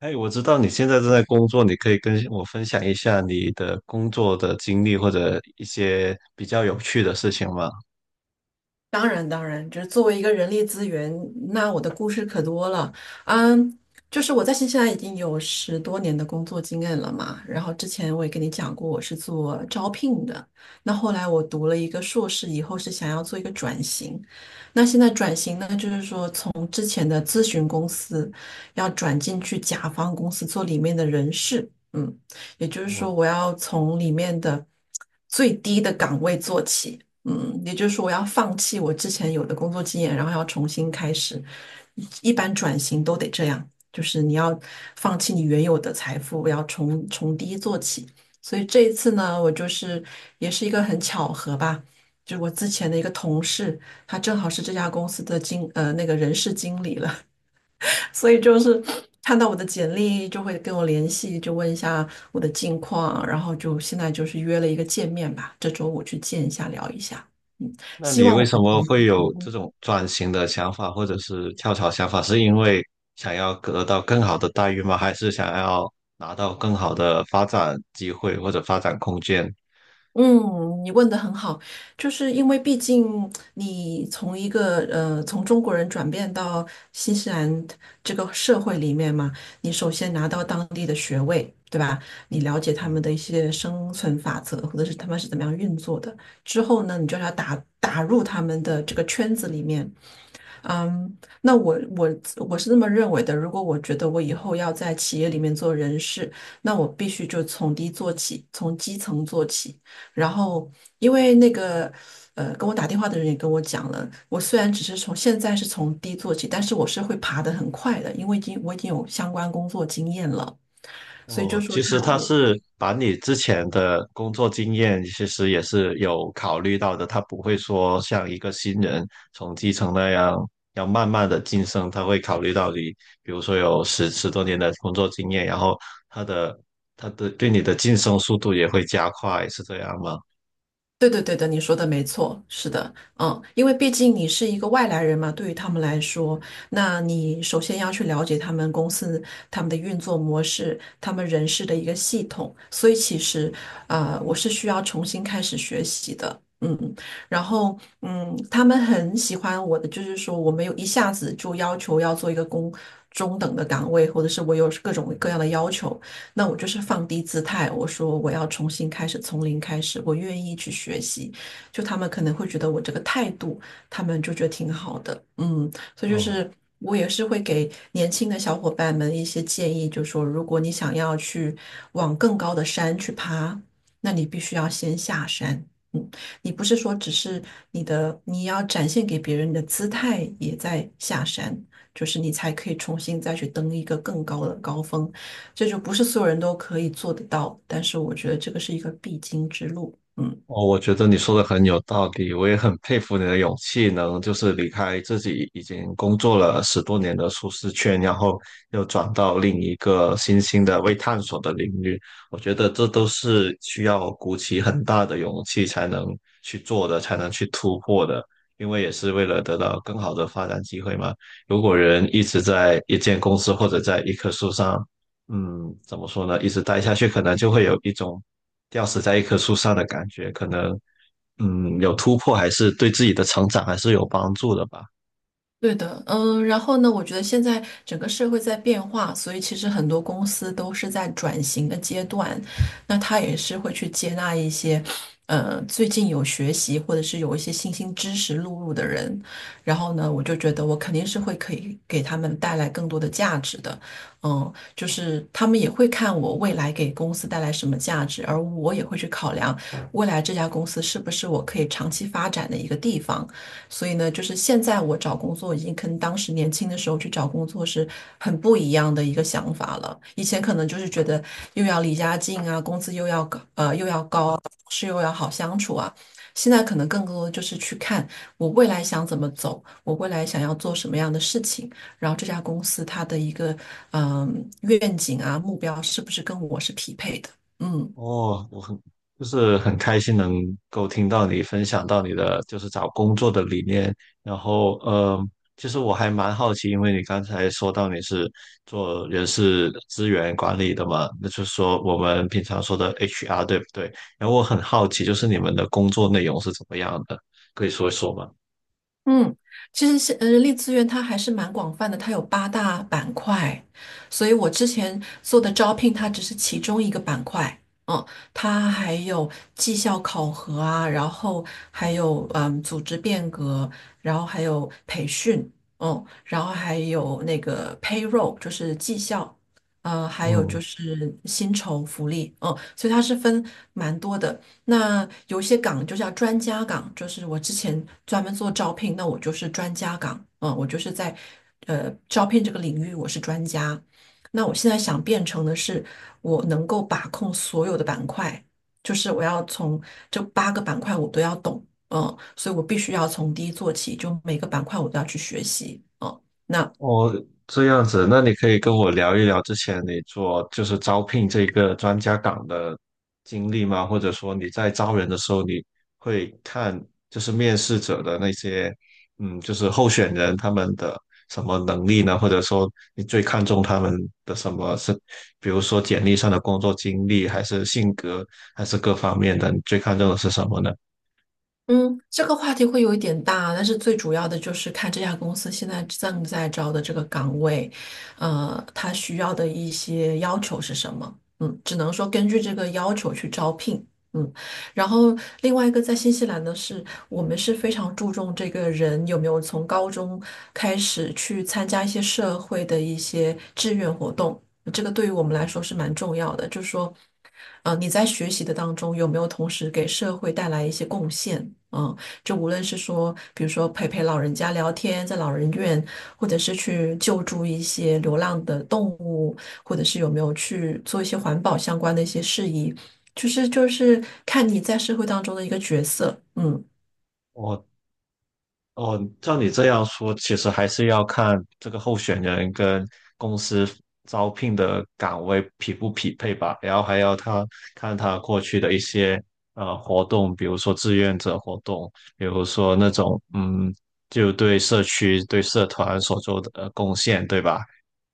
哎，我知道你现在正在工作，你可以跟我分享一下你的工作的经历或者一些比较有趣的事情吗？当然，当然，就是作为一个人力资源，那我的故事可多了。嗯，就是我在新西兰已经有十多年的工作经验了嘛。然后之前我也跟你讲过，我是做招聘的。那后来我读了一个硕士以后，是想要做一个转型。那现在转型呢，就是说从之前的咨询公司要转进去甲方公司做里面的人事，也就是我，说我要从里面的最低的岗位做起，也就是说我要放弃我之前有的工作经验，然后要重新开始。一般转型都得这样，就是你要放弃你原有的财富，要从低做起。所以这一次呢，我就是也是一个很巧合吧，就是我之前的一个同事。他正好是这家公司的那个人事经理了，所以就是看到我的简历就会跟我联系，就问一下我的近况，然后就现在就是约了一个见面吧，这周五去见一下聊一下，嗯，那希你望为我什的么会成有这功。种转型的想法或者是跳槽想法？是因为想要得到更好的待遇吗？还是想要拿到更好的发展机会或者发展空间？嗯，你问的很好，就是因为毕竟你从一个从中国人转变到新西兰这个社会里面嘛，你首先拿到当地的学位，对吧？你了解他们嗯。的一些生存法则，或者是他们是怎么样运作的，之后呢，你就要打入他们的这个圈子里面，嗯，那我是这么认为的。如果我觉得我以后要在企业里面做人事，那我必须就从低做起，从基层做起。然后，因为那个跟我打电话的人也跟我讲了，我虽然只是从现在是从低做起，但是我是会爬得很快的，因为已经有相关工作经验了。所以就哦，说其实他是把你之前的工作经验，其实也是有考虑到的。他不会说像一个新人从基层那样要慢慢的晋升，他会考虑到你，比如说有十多年的工作经验，然后他的他的对你的晋升速度也会加快，是这样吗？对对对的，你说的没错，是的，因为毕竟你是一个外来人嘛，对于他们来说，那你首先要去了解他们公司、他们的运作模式、他们人事的一个系统，所以其实，我是需要重新开始学习的，然后，他们很喜欢我的，就是说我没有一下子就要求要做一个中等的岗位，或者是我有各种各样的要求，那我就是放低姿态，我说我要重新开始，从零开始，我愿意去学习。就他们可能会觉得我这个态度，他们就觉得挺好的，所以就哦，是我也是会给年轻的小伙伴们一些建议，就说如果你想要去往更高的山去爬，那你必须要先下山。嗯，你不是说只是你的，你要展现给别人的姿态也在下山，就是你才可以重新再去登一个更高的高峰，这就不是所有人都可以做得到，但是我觉得这个是一个必经之路。嗯。哦，我觉得你说的很有道理，我也很佩服你的勇气，能就是离开自己已经工作了十多年的舒适圈，然后又转到另一个新兴的未探索的领域。我觉得这都是需要鼓起很大的勇气才能去做的，才能去突破的，因为也是为了得到更好的发展机会嘛。如果人一直在一间公司或者在一棵树上，嗯，怎么说呢？一直待下去，可能就会有一种吊死在一棵树上的感觉，可能有突破，还是对自己的成长还是有帮助的吧。对的，然后呢，我觉得现在整个社会在变化，所以其实很多公司都是在转型的阶段，那他也是会去接纳一些，最近有学习或者是有一些新兴知识录入的人，然后呢，我就觉得我肯定是会可以给他们带来更多的价值的，就是他们也会看我未来给公司带来什么价值，而我也会去考量未来这家公司是不是我可以长期发展的一个地方。所以呢，就是现在我找工作已经跟当时年轻的时候去找工作是很不一样的一个想法了。以前可能就是觉得又要离家近啊，工资又要高，又要高啊，同事又要好相处啊。现在可能更多就是去看我未来想怎么走，我未来想要做什么样的事情，然后这家公司它的一个愿景啊目标是不是跟我是匹配的？嗯。哦，我很就是很开心能够听到你分享到你的就是找工作的理念，然后其实我还蛮好奇，因为你刚才说到你是做人事资源管理的嘛，那就是说我们平常说的 HR 对不对？然后我很好奇，就是你们的工作内容是怎么样的，可以说一说吗？嗯，其实是人力资源它还是蛮广泛的，它有八大板块，所以我之前做的招聘它只是其中一个板块，嗯，它还有绩效考核啊，然后还有组织变革，然后还有培训，然后还有那个 payroll 就是绩效，还有嗯。就是薪酬福利，所以它是分蛮多的。那有一些岗就叫专家岗，就是我之前专门做招聘，那我就是专家岗，我就是在招聘这个领域我是专家。那我现在想变成的是，我能够把控所有的板块，就是我要从这八个板块我都要懂，所以我必须要从低做起，就每个板块我都要去学习，嗯。那哦，这样子，那你可以跟我聊一聊之前你做就是招聘这个专家岗的经历吗？或者说你在招人的时候，你会看就是面试者的那些，就是候选人他们的什么能力呢？或者说你最看重他们的什么是，比如说简历上的工作经历，还是性格，还是各方面的，你最看重的是什么呢？嗯，这个话题会有一点大，但是最主要的就是看这家公司现在正在招的这个岗位，它需要的一些要求是什么。嗯，只能说根据这个要求去招聘。嗯。然后另外一个在新西兰呢，是我们是非常注重这个人有没有从高中开始去参加一些社会的一些志愿活动，这个对于我们来说是蛮重要的。就是说，你在学习的当中有没有同时给社会带来一些贡献？嗯，就无论是说，比如说陪老人家聊天，在老人院，或者是去救助一些流浪的动物，或者是有没有去做一些环保相关的一些事宜。就是看你在社会当中的一个角色，嗯。我。哦，照你这样说，其实还是要看这个候选人跟公司招聘的岗位匹不匹配吧，然后还要他看他过去的一些活动，比如说志愿者活动，比如说那种就对社区、对社团所做的贡献，对吧？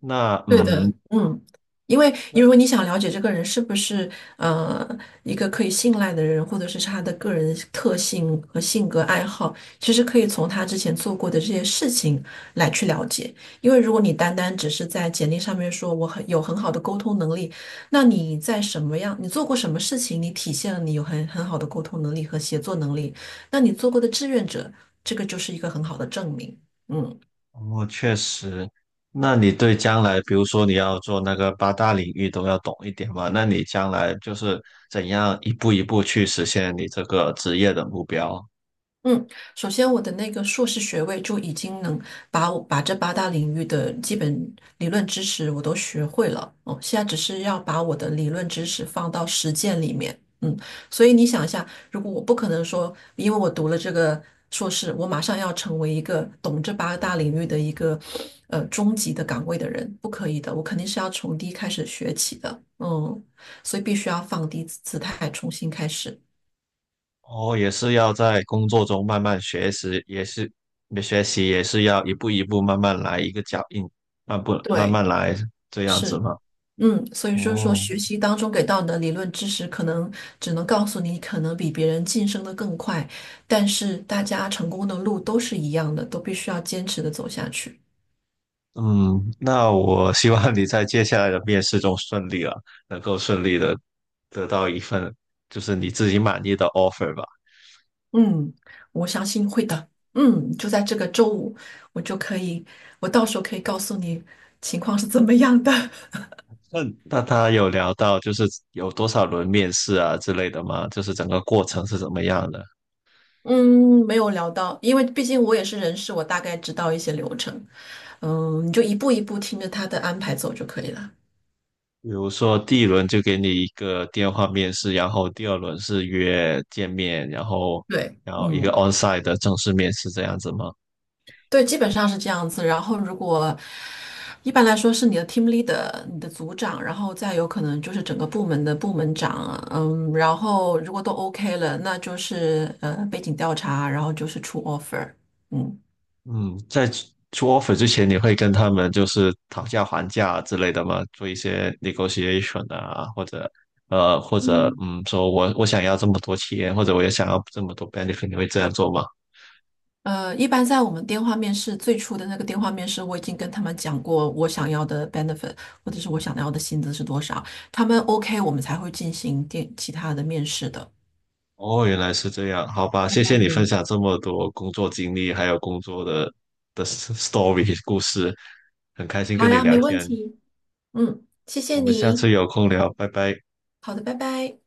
那对的，嗯，因为如果你想了解这个人是不是呃一个可以信赖的人，或者是他的个人特性和性格爱好，其实可以从他之前做过的这些事情来去了解。因为如果你单单只是在简历上面说我很有很好的沟通能力，那你在什么样，你做过什么事情，你体现了你有很好的沟通能力和协作能力，那你做过的志愿者，这个就是一个很好的证明。嗯。哦，确实。那你对将来，比如说你要做那个八大领域都要懂一点嘛？那你将来就是怎样一步一步去实现你这个职业的目标？嗯，首先我的那个硕士学位就已经能把这八大领域的基本理论知识我都学会了，哦，现在只是要把我的理论知识放到实践里面，所以你想一下，如果我不可能说，因为我读了这个硕士，我马上要成为一个懂这八大领域的一个中级的岗位的人，不可以的，我肯定是要从低开始学起的，嗯，所以必须要放低姿态，重新开始，哦，也是要在工作中慢慢学习，也是学习，也是要一步一步慢慢来，一个脚印，慢步慢对，慢来这样子是。嘛？所以就是说，哦，学习当中给到你的理论知识，可能只能告诉你，可能比别人晋升的更快，但是大家成功的路都是一样的，都必须要坚持的走下去。嗯，那我希望你在接下来的面试中顺利了，能够顺利的得到一份就是你自己满意的 offer 吧。嗯，我相信会的。就在这个周五，我就可以，我到时候可以告诉你情况是怎么样的。那那他有聊到就是有多少轮面试啊之类的吗？就是整个过程是怎么样的？嗯，没有聊到，因为毕竟我也是人事，我大概知道一些流程。嗯，你就一步一步听着他的安排走就可以了。比如说第一轮就给你一个电话面试，然后第二轮是约见面，然后对，然后一个 嗯。onsite 的正式面试这样子吗？对，基本上是这样子。然后，如果一般来说是你的 team leader、你的组长，然后再有可能就是整个部门的部门长，然后如果都 OK 了，那就是背景调查，然后就是出 offer，嗯。嗯，在出 offer 之前，你会跟他们就是讨价还价之类的吗？做一些 negotiation 啊，或者嗯说我想要这么多钱，或者我也想要这么多 benefit，你会这样做吗？一般在我们电话面试最初的那个电话面试，我已经跟他们讲过我想要的 benefit 或者是我想要的薪资是多少，他们 OK，我们才会进行其他的面试的。哦，原来是这样，好吧，谢谢你分嗯，享这么多工作经历，还有工作的 story 故事，很开心好跟你呀，聊没问天，题。嗯，谢谢我们下你。次有空聊，拜拜。好的，拜拜。